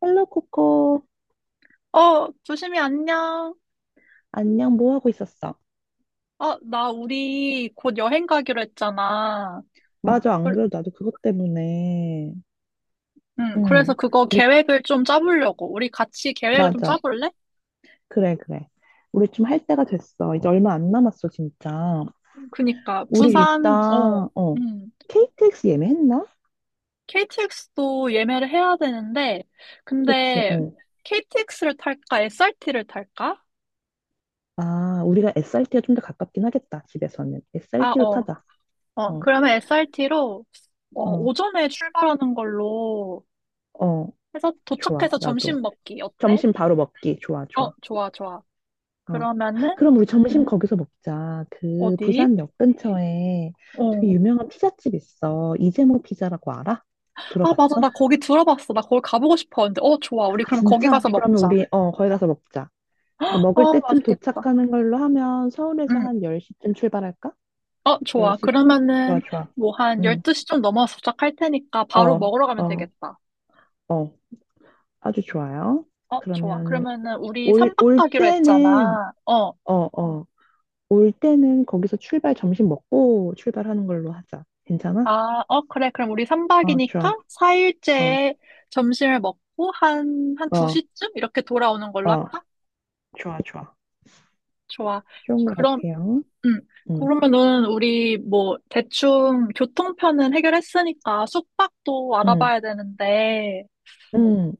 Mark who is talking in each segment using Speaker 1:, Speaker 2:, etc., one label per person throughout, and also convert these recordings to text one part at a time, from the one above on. Speaker 1: 헬로 코코.
Speaker 2: 어, 조심히 안녕.
Speaker 1: 안녕, 뭐 하고 있었어?
Speaker 2: 어, 나 우리 곧 여행 가기로 했잖아.
Speaker 1: 맞아, 안
Speaker 2: 그-
Speaker 1: 그래도 나도 그것 때문에.
Speaker 2: 응, 그래서
Speaker 1: 응.
Speaker 2: 그거
Speaker 1: 우리.
Speaker 2: 계획을 좀 짜보려고. 우리 같이 계획을 좀
Speaker 1: 맞아.
Speaker 2: 짜볼래?
Speaker 1: 그래, 그래. 우리 좀 할 때가 됐어. 이제 얼마 안 남았어, 진짜.
Speaker 2: 그니까,
Speaker 1: 우리
Speaker 2: 부산,
Speaker 1: 일단
Speaker 2: 음,
Speaker 1: KTX 예매했나?
Speaker 2: KTX도 예매를 해야 되는데,
Speaker 1: 그치.
Speaker 2: 근데 KTX를 탈까? SRT를 탈까?
Speaker 1: 어아 우리가 SRT가 좀 더 가깝긴 하겠다. 집에서는
Speaker 2: 아,
Speaker 1: SRT로 타자.
Speaker 2: 그러면 SRT로,
Speaker 1: 어어어
Speaker 2: 오전에 출발하는 걸로 해서
Speaker 1: 좋아.
Speaker 2: 도착해서
Speaker 1: 나도
Speaker 2: 점심 먹기. 어때?
Speaker 1: 점심 바로 먹기 좋아,
Speaker 2: 어,
Speaker 1: 좋아.
Speaker 2: 좋아, 좋아.
Speaker 1: 어.
Speaker 2: 그러면은,
Speaker 1: 그럼 우리 점심, 응, 거기서 먹자. 그
Speaker 2: 어디?
Speaker 1: 부산역 근처에 되게
Speaker 2: 어.
Speaker 1: 유명한 피자집 있어. 이재모 피자라고 알아?
Speaker 2: 아, 맞아.
Speaker 1: 들어봤어?
Speaker 2: 나 거기 들어봤어. 나 거기 가보고 싶어. 근데, 어, 좋아. 우리
Speaker 1: 아,
Speaker 2: 그럼 거기
Speaker 1: 진짜?
Speaker 2: 가서
Speaker 1: 그러면
Speaker 2: 먹자.
Speaker 1: 우리 거기 가서 먹자. 근데 먹을
Speaker 2: 아,
Speaker 1: 때쯤
Speaker 2: 맛있겠다.
Speaker 1: 도착하는 걸로 하면 서울에서
Speaker 2: 응.
Speaker 1: 한 10시쯤 출발할까?
Speaker 2: 어, 좋아.
Speaker 1: 10시쯤?
Speaker 2: 그러면은,
Speaker 1: 좋아, 좋아.
Speaker 2: 뭐, 한
Speaker 1: 응.
Speaker 2: 12시 좀 넘어서 도착할 테니까 바로
Speaker 1: 어,
Speaker 2: 먹으러 가면
Speaker 1: 어,
Speaker 2: 되겠다.
Speaker 1: 어. 아주 좋아요.
Speaker 2: 어, 좋아.
Speaker 1: 그러면은
Speaker 2: 그러면은, 우리 3박
Speaker 1: 올
Speaker 2: 가기로
Speaker 1: 때는
Speaker 2: 했잖아. 어.
Speaker 1: 어, 어. 올 때는 거기서 출발 점심 먹고 출발하는 걸로 하자. 괜찮아?
Speaker 2: 아, 어, 그래. 그럼 우리
Speaker 1: 어, 좋아.
Speaker 2: 3박이니까
Speaker 1: 어.
Speaker 2: 4일째에 점심을 먹고 한
Speaker 1: 어,
Speaker 2: 2시쯤? 이렇게 돌아오는 걸로
Speaker 1: 어,
Speaker 2: 할까?
Speaker 1: 좋아, 좋아.
Speaker 2: 좋아.
Speaker 1: 좋은 것
Speaker 2: 그럼,
Speaker 1: 같아요.
Speaker 2: 음,
Speaker 1: 음,
Speaker 2: 그러면은 우리 뭐 대충 교통편은 해결했으니까 숙박도
Speaker 1: 음,
Speaker 2: 알아봐야 되는데
Speaker 1: 음.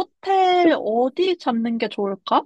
Speaker 2: 호텔
Speaker 1: 숲,
Speaker 2: 어디 잡는 게 좋을까?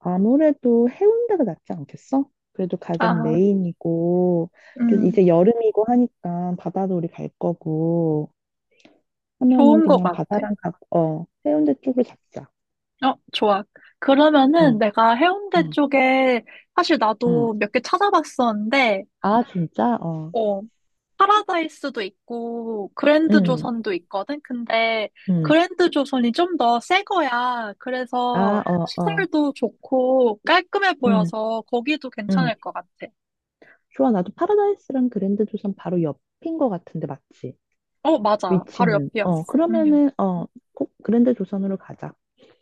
Speaker 1: 아무래도 해운대가 낫지 않겠어? 그래도 가장
Speaker 2: 아,
Speaker 1: 메인이고, 또
Speaker 2: 음,
Speaker 1: 이제 여름이고 하니까 바다도 우리 갈 거고, 하면은
Speaker 2: 좋은 것
Speaker 1: 그냥
Speaker 2: 같아.
Speaker 1: 바다랑 가, 어, 해운대 쪽을 잡자.
Speaker 2: 어, 좋아. 그러면은
Speaker 1: 응,
Speaker 2: 내가 해운대
Speaker 1: 응,
Speaker 2: 쪽에 사실
Speaker 1: 응.
Speaker 2: 나도 몇 개 찾아봤었는데,
Speaker 1: 아, 진짜? 어,
Speaker 2: 어, 파라다이스도 있고 그랜드
Speaker 1: 응,
Speaker 2: 조선도 있거든. 근데
Speaker 1: 응.
Speaker 2: 그랜드 조선이 좀 더 새 거야. 그래서
Speaker 1: 아, 어, 어,
Speaker 2: 시설도 좋고 깔끔해
Speaker 1: 응,
Speaker 2: 보여서 거기도
Speaker 1: 응.
Speaker 2: 괜찮을 것 같아.
Speaker 1: 좋아, 나도 파라다이스랑 그랜드 조선 바로 옆인 것 같은데, 맞지?
Speaker 2: 어, 맞아. 바로
Speaker 1: 위치는. 어,
Speaker 2: 옆이었어. 음.
Speaker 1: 그러면은, 꼭 그랜드 조선으로 가자.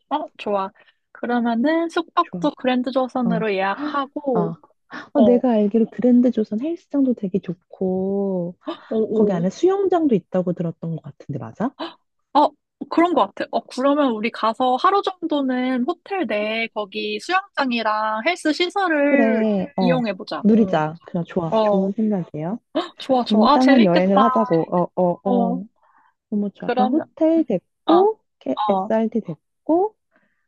Speaker 2: 어, 좋아. 그러면은
Speaker 1: 좋아.
Speaker 2: 숙박도 그랜드
Speaker 1: 어,
Speaker 2: 조선으로 예약하고
Speaker 1: 어.
Speaker 2: 어,
Speaker 1: 어,
Speaker 2: 오,
Speaker 1: 내가 알기로 그랜드 조선 헬스장도 되게 좋고, 거기
Speaker 2: 오.
Speaker 1: 안에 수영장도 있다고 들었던 것 같은데, 맞아?
Speaker 2: 어, 그런 것 같아. 어, 그러면 우리 가서 하루 정도는 호텔 내 거기 수영장이랑 헬스 시설을
Speaker 1: 그래, 어.
Speaker 2: 이용해 보자. 응.
Speaker 1: 누리자. 그냥 좋아.
Speaker 2: 어.
Speaker 1: 좋은 생각이에요.
Speaker 2: 좋아, 좋아. 아,
Speaker 1: 건강한 여행을
Speaker 2: 재밌겠다.
Speaker 1: 하자고. 어, 어,
Speaker 2: 어,
Speaker 1: 어. 너무 좋아. 그럼
Speaker 2: 그러면,
Speaker 1: 호텔
Speaker 2: 아,
Speaker 1: 됐고, 이렇게
Speaker 2: 어,
Speaker 1: SRT 됐고,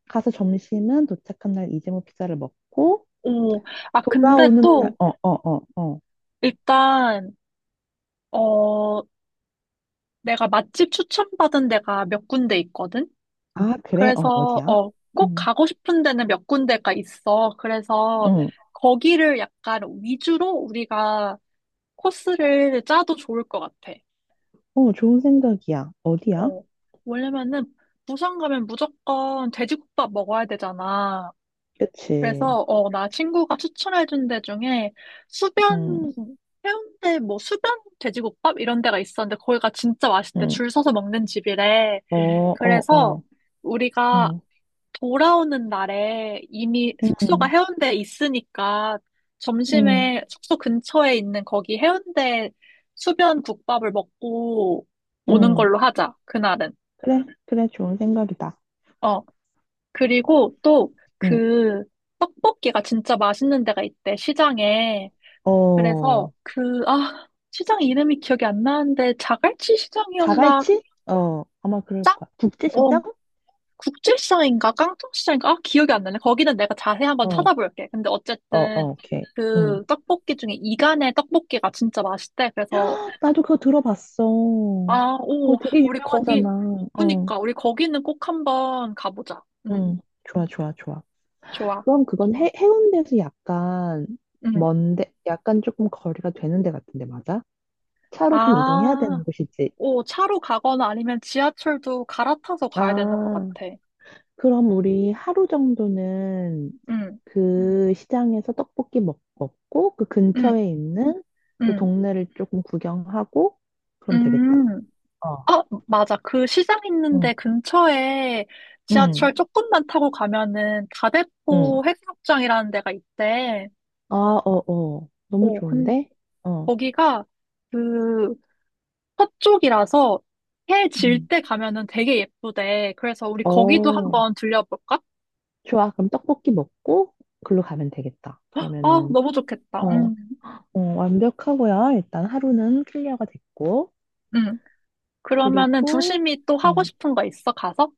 Speaker 1: 가서 점심은 도착한 날 이재모 피자를 먹고,
Speaker 2: 오. 아, 근데
Speaker 1: 돌아오는 날,
Speaker 2: 또,
Speaker 1: 어, 어, 어, 어.
Speaker 2: 일단, 어, 내가 맛집 추천받은 데가 몇 군데 있거든?
Speaker 1: 아, 그래? 어,
Speaker 2: 그래서,
Speaker 1: 어디야?
Speaker 2: 꼭
Speaker 1: 음.
Speaker 2: 가고 싶은 데는 몇 군데가 있어. 그래서,
Speaker 1: 응.
Speaker 2: 거기를 약간 위주로 우리가 코스를 짜도 좋을 것 같아.
Speaker 1: 어, 좋은 생각이야. 어디야?
Speaker 2: 어, 왜냐면은, 부산 가면 무조건 돼지국밥 먹어야 되잖아.
Speaker 1: 그치.
Speaker 2: 그래서 나 친구가 추천해준 데 중에 수변
Speaker 1: 응,
Speaker 2: 해운대 뭐 수변 돼지국밥 이런 데가 있었는데 거기가 진짜 맛있대.
Speaker 1: 응.
Speaker 2: 줄 서서 먹는 집이래.
Speaker 1: 어, 어,
Speaker 2: 그래서
Speaker 1: 어.
Speaker 2: 우리가
Speaker 1: 응,
Speaker 2: 돌아오는 날에 이미 숙소가
Speaker 1: 응,
Speaker 2: 해운대에 있으니까
Speaker 1: 응,
Speaker 2: 점심에 숙소 근처에 있는 거기 해운대 수변 국밥을 먹고 오는
Speaker 1: 응.
Speaker 2: 걸로 하자. 그날은.
Speaker 1: 그래, 그래, 좋은 생각이다.
Speaker 2: 어. 그리고 또
Speaker 1: 응.
Speaker 2: 그 떡볶이가 진짜 맛있는 데가 있대. 시장에. 그래서
Speaker 1: 어,
Speaker 2: 시장 이름이 기억이 안 나는데 자갈치 시장이었나?
Speaker 1: 자갈치? 어, 아마 그럴
Speaker 2: 짱?
Speaker 1: 거야.
Speaker 2: 어,
Speaker 1: 국제시장?
Speaker 2: 국제시장인가? 깡통시장인가? 아, 기억이 안 나네. 거기는 내가 자세히 한번
Speaker 1: 어,
Speaker 2: 찾아볼게. 근데
Speaker 1: 어,
Speaker 2: 어쨌든
Speaker 1: 어, 오케이. 응.
Speaker 2: 그 떡볶이 중에 이간의 떡볶이가 진짜 맛있대. 그래서
Speaker 1: 나도 그거 들어봤어.
Speaker 2: 아,
Speaker 1: 그거
Speaker 2: 오,
Speaker 1: 되게
Speaker 2: 우리 거기,
Speaker 1: 유명하잖아. 어,
Speaker 2: 그니까 우리 거기는 꼭 한번 가보자. 응,
Speaker 1: 응. 좋아, 좋아, 좋아.
Speaker 2: 좋아.
Speaker 1: 그럼 그건 해운대에서 약간
Speaker 2: 응.
Speaker 1: 먼데, 약간 조금 거리가 되는 데 같은데, 맞아? 차로 좀 이동해야
Speaker 2: 아,
Speaker 1: 되는 곳이지.
Speaker 2: 오, 차로 가거나 아니면 지하철도 갈아타서 가야 되는 것
Speaker 1: 아,
Speaker 2: 같아.
Speaker 1: 그럼 우리 하루 정도는
Speaker 2: 응,
Speaker 1: 그 시장에서 떡볶이 먹고 그
Speaker 2: 응,
Speaker 1: 근처에 있는 또
Speaker 2: 응.
Speaker 1: 동네를 조금 구경하고 그럼 되겠다.
Speaker 2: 음,
Speaker 1: 어,
Speaker 2: 맞아. 그 시장
Speaker 1: 응,
Speaker 2: 있는데 근처에
Speaker 1: 응,
Speaker 2: 지하철 조금만 타고 가면은
Speaker 1: 응.
Speaker 2: 다대포 해수욕장이라는 데가 있대.
Speaker 1: 아, 어, 어. 너무
Speaker 2: 어,
Speaker 1: 좋은데? 어,
Speaker 2: 거기가 그 서쪽이라서 해 질
Speaker 1: 응.
Speaker 2: 때 가면은 되게 예쁘대. 그래서 우리 거기도
Speaker 1: 어,
Speaker 2: 한번 들려볼까?
Speaker 1: 좋아. 그럼 떡볶이 먹고 글로 가면 되겠다.
Speaker 2: 아,
Speaker 1: 그러면은,
Speaker 2: 너무 좋겠다.
Speaker 1: 어, 어, 완벽하고요. 일단 하루는 클리어가 됐고.
Speaker 2: 음. 그러면은
Speaker 1: 그리고,
Speaker 2: 두심이 또 하고
Speaker 1: 음,
Speaker 2: 싶은 거 있어? 가서?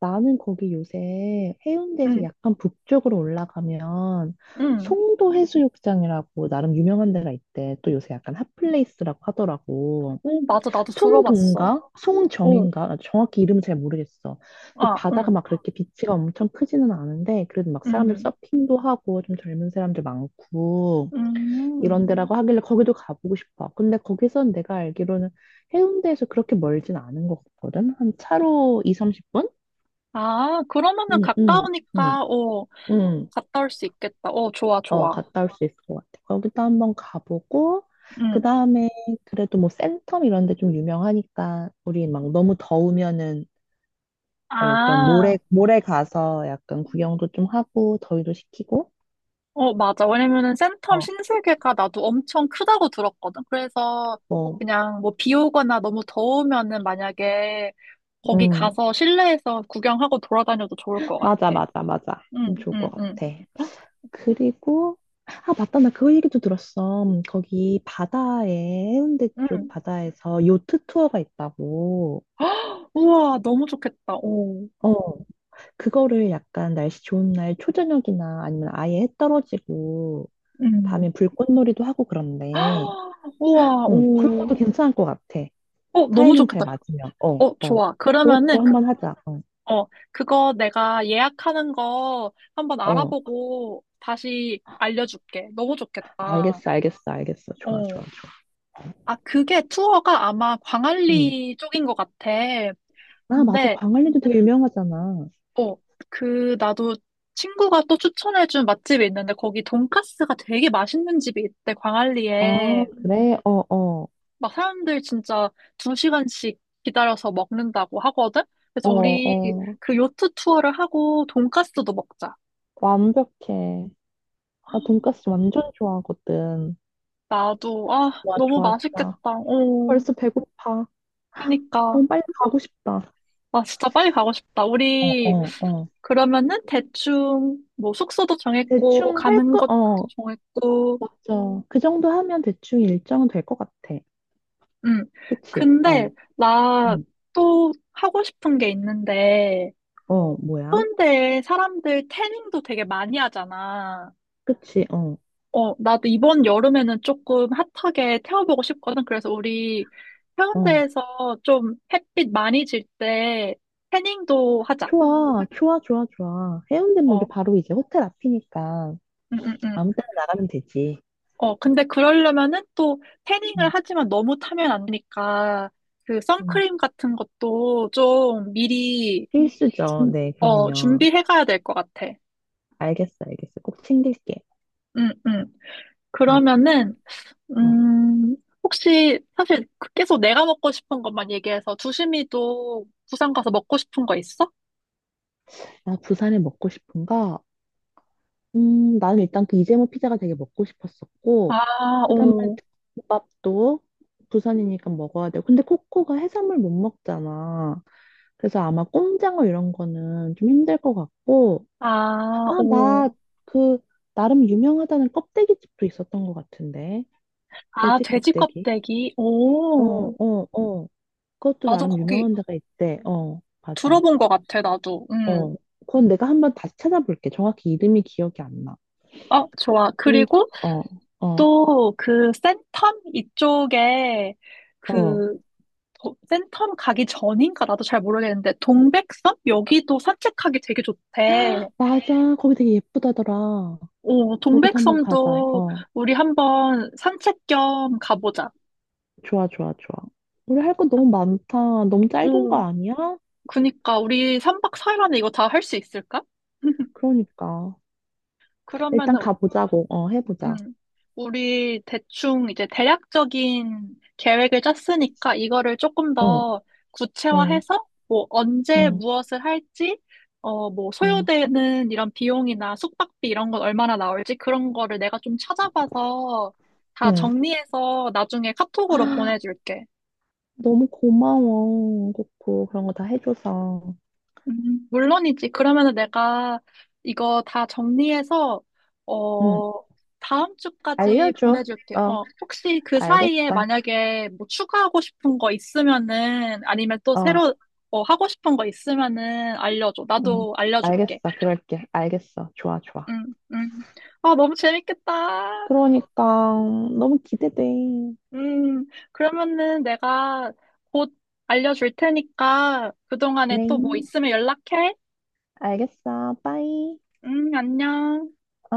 Speaker 1: 나는 거기 요새 해운대에서
Speaker 2: 응,
Speaker 1: 약간 북쪽으로 올라가면
Speaker 2: 응.
Speaker 1: 송도 해수욕장이라고 나름 유명한 데가 있대. 또 요새 약간 핫플레이스라고 하더라고.
Speaker 2: 오, 맞아. 나도
Speaker 1: 송동
Speaker 2: 들어봤어.
Speaker 1: 가
Speaker 2: 오,
Speaker 1: 송정인가? 아, 정확히 이름은 잘 모르겠어. 근데
Speaker 2: 아,
Speaker 1: 바다가
Speaker 2: 응,
Speaker 1: 막 그렇게 비치가 엄청 크지는 않은데 그래도 막 사람들
Speaker 2: 응,
Speaker 1: 서핑도 하고 좀 젊은 사람들 많고
Speaker 2: 음.
Speaker 1: 이런
Speaker 2: 음.
Speaker 1: 데라고 하길래 거기도 가보고 싶어. 근데 거기선 내가 알기로는 해운대에서 그렇게 멀진 않은 것 같거든. 한 차로 2, 30분?
Speaker 2: 아, 그러면은
Speaker 1: 응, 응, 응,
Speaker 2: 가까우니까,
Speaker 1: 응.
Speaker 2: 갔다 올 수 있겠다. 어, 좋아,
Speaker 1: 어,
Speaker 2: 좋아.
Speaker 1: 갔다 올 수 있을 것 같아. 거기도 한번 가보고, 그
Speaker 2: 응.
Speaker 1: 다음에 그래도 뭐 센텀 이런 데 좀 유명하니까, 우리 막 너무 더우면은 뭐 그런
Speaker 2: 아,
Speaker 1: 모래 가서 약간 구경도 좀 하고, 더위도 식히고,
Speaker 2: 어, 맞아. 왜냐면은 센텀
Speaker 1: 어,
Speaker 2: 신세계가 나도 엄청 크다고 들었거든. 그래서
Speaker 1: 뭐,
Speaker 2: 그냥 뭐 비 오거나 너무 더우면은 만약에 거기
Speaker 1: 응.
Speaker 2: 가서 실내에서 구경하고 돌아다녀도 좋을 것 같아.
Speaker 1: 맞아, 맞아, 맞아. 그럼
Speaker 2: 응,
Speaker 1: 좋을 것
Speaker 2: 응, 응,
Speaker 1: 같아. 그리고, 아, 맞다. 나 그 얘기도 들었어. 거기 바다에, 해운대 쪽
Speaker 2: 응.
Speaker 1: 바다에서 요트 투어가 있다고.
Speaker 2: 우와, 너무 좋겠다. 오,
Speaker 1: 어. 그거를 약간 날씨 좋은 날 초저녁이나 아니면 아예 해 떨어지고
Speaker 2: 응.
Speaker 1: 밤에 불꽃놀이도 하고 그런데
Speaker 2: 우와,
Speaker 1: 그런
Speaker 2: 오.
Speaker 1: 것도 괜찮을 것 같아.
Speaker 2: 어, 너무
Speaker 1: 타이밍 잘
Speaker 2: 좋겠다.
Speaker 1: 맞으면. 어,
Speaker 2: 어, 좋아.
Speaker 1: 그것도
Speaker 2: 그러면은
Speaker 1: 한번 하자. 어,
Speaker 2: 그거 내가 예약하는 거 한번
Speaker 1: 어,
Speaker 2: 알아보고 다시 알려줄게. 너무 좋겠다.
Speaker 1: 알겠어, 알겠어, 알겠어. 좋아,
Speaker 2: 어.
Speaker 1: 좋아, 좋아.
Speaker 2: 아, 그게 투어가 아마
Speaker 1: 음.
Speaker 2: 광안리 쪽인 것 같아.
Speaker 1: 아, 맞아.
Speaker 2: 근데,
Speaker 1: 광안리도 되게 유명하잖아.
Speaker 2: 어, 나도 친구가 또 추천해준 맛집이 있는데 거기 돈까스가 되게 맛있는 집이 있대,
Speaker 1: 아,
Speaker 2: 광안리에.
Speaker 1: 그래? 어, 어,
Speaker 2: 막 사람들 진짜 2시간씩 기다려서 먹는다고 하거든? 그래서
Speaker 1: 어,
Speaker 2: 우리
Speaker 1: 어.
Speaker 2: 그 요트 투어를 하고 돈까스도 먹자.
Speaker 1: 완벽해. 나 돈까스 완전 좋아하거든.
Speaker 2: 나도, 아,
Speaker 1: 좋아,
Speaker 2: 너무
Speaker 1: 좋아,
Speaker 2: 맛있겠다.
Speaker 1: 좋아.
Speaker 2: 어,
Speaker 1: 벌써 배고파.
Speaker 2: 그니까.
Speaker 1: 너무 빨리 가고 싶다.
Speaker 2: 아, 진짜 빨리 가고 싶다.
Speaker 1: 어,
Speaker 2: 우리,
Speaker 1: 어.
Speaker 2: 그러면은 대충, 뭐, 숙소도 정했고,
Speaker 1: 대충 할
Speaker 2: 가는
Speaker 1: 거,
Speaker 2: 것도
Speaker 1: 어,
Speaker 2: 정했고,
Speaker 1: 맞아. 음. 그 정도 하면 대충 일정은 될 것 같아.
Speaker 2: 음.
Speaker 1: 그치?
Speaker 2: 근데,
Speaker 1: 어,
Speaker 2: 나
Speaker 1: 음,
Speaker 2: 또 하고 싶은 게 있는데,
Speaker 1: 어, 뭐야?
Speaker 2: 해운대에 사람들 태닝도 되게 많이 하잖아.
Speaker 1: 그치? 어,
Speaker 2: 어, 나도 이번 여름에는 조금 핫하게 태워보고 싶거든. 그래서 우리
Speaker 1: 어.
Speaker 2: 해운대에서 좀 햇빛 많이 질 때 태닝도 하자.
Speaker 1: 좋아, 좋아, 좋아, 좋아. 해운대는 우리
Speaker 2: 어,
Speaker 1: 바로 이제 호텔 앞이니까
Speaker 2: 음, 음, 음.
Speaker 1: 아무 때나 나가면 되지.
Speaker 2: 어, 근데 그러려면은 또 태닝을
Speaker 1: 음,
Speaker 2: 하지만 너무 타면 안 되니까 그
Speaker 1: 음.
Speaker 2: 선크림 같은 것도 좀 미리
Speaker 1: 필수죠. 네, 그럼요.
Speaker 2: 준비해 가야 될 것 같아.
Speaker 1: 알겠어, 알겠어. 꼭 챙길게.
Speaker 2: 음, 음.
Speaker 1: 음,
Speaker 2: 그러면은
Speaker 1: 어.
Speaker 2: 음, 혹시 사실 계속 내가 먹고 싶은 것만 얘기해서 두심이도 부산 가서 먹고 싶은 거 있어?
Speaker 1: 나 부산에 먹고 싶은 거 나는 일단 그 이재모 피자가 되게 먹고 싶었었고,
Speaker 2: 아,
Speaker 1: 그 다음에
Speaker 2: 오.
Speaker 1: 국밥도 부산이니까 먹어야 돼요. 근데 코코가 해산물 못 먹잖아. 그래서 아마 꼼장어 이런 거는 좀 힘들 것 같고, 아,
Speaker 2: 아, 오.
Speaker 1: 나 그, 나름 유명하다는 껍데기집도 있었던 것 같은데.
Speaker 2: 아,
Speaker 1: 돼지
Speaker 2: 돼지
Speaker 1: 껍데기.
Speaker 2: 껍데기.
Speaker 1: 어,
Speaker 2: 오.
Speaker 1: 어, 어. 그것도
Speaker 2: 나도
Speaker 1: 나름
Speaker 2: 거기
Speaker 1: 유명한 데가 있대. 어, 맞아.
Speaker 2: 들어본 것 같아, 나도. 음.
Speaker 1: 어. 그건 내가 한번 다시 찾아볼게. 정확히 이름이 기억이 안 나.
Speaker 2: 어, 좋아.
Speaker 1: 그리고,
Speaker 2: 그리고
Speaker 1: 어, 어,
Speaker 2: 또 그 센텀 이쪽에
Speaker 1: 어.
Speaker 2: 그 센텀 가기 전인가 나도 잘 모르겠는데 동백섬 여기도 산책하기 되게 좋대.
Speaker 1: 맞아. 거기 되게 예쁘다더라.
Speaker 2: 오,
Speaker 1: 거기도 한번 가자.
Speaker 2: 동백섬도
Speaker 1: 어.
Speaker 2: 우리 한번 산책 겸 가보자.
Speaker 1: 좋아, 좋아, 좋아. 우리 할 거 너무 많다. 너무 짧은 거
Speaker 2: 오,
Speaker 1: 아니야?
Speaker 2: 그니까 우리 3박 4일 안에 이거 다 할 수 있을까?
Speaker 1: 그러니까. 일단
Speaker 2: 그러면은
Speaker 1: 가보자고. 어, 해보자.
Speaker 2: 음, 우리 대충 이제 대략적인 계획을 짰으니까 이거를 조금
Speaker 1: 응,
Speaker 2: 더
Speaker 1: 응,
Speaker 2: 구체화해서 뭐 언제
Speaker 1: 응,
Speaker 2: 무엇을 할지, 뭐
Speaker 1: 응,
Speaker 2: 소요되는 이런 비용이나 숙박비 이런 건 얼마나 나올지 그런 거를 내가 좀 찾아봐서 다
Speaker 1: 응.
Speaker 2: 정리해서 나중에 카톡으로
Speaker 1: 아,
Speaker 2: 보내줄게.
Speaker 1: 너무 고마워. 고코. 그런 거 다 해줘서.
Speaker 2: 물론이지. 그러면은 내가 이거 다 정리해서,
Speaker 1: 응,
Speaker 2: 어, 다음 주까지
Speaker 1: 알려줘.
Speaker 2: 보내줄게.
Speaker 1: 어,
Speaker 2: 어, 혹시 그 사이에
Speaker 1: 알겠어.
Speaker 2: 만약에 뭐 추가하고 싶은 거 있으면은, 아니면 또
Speaker 1: 어,
Speaker 2: 새로, 하고 싶은 거 있으면은 알려줘.
Speaker 1: 응,
Speaker 2: 나도
Speaker 1: 알겠어.
Speaker 2: 알려줄게.
Speaker 1: 그럴게. 알겠어. 좋아, 좋아.
Speaker 2: 응, 응. 아, 너무 재밌겠다.
Speaker 1: 그러니까. 너무 기대돼.
Speaker 2: 음, 그러면은 내가 곧 알려줄 테니까 그동안에
Speaker 1: 네,
Speaker 2: 또 뭐 있으면 연락해.
Speaker 1: 알겠어. 빠이.
Speaker 2: 안녕.
Speaker 1: 어.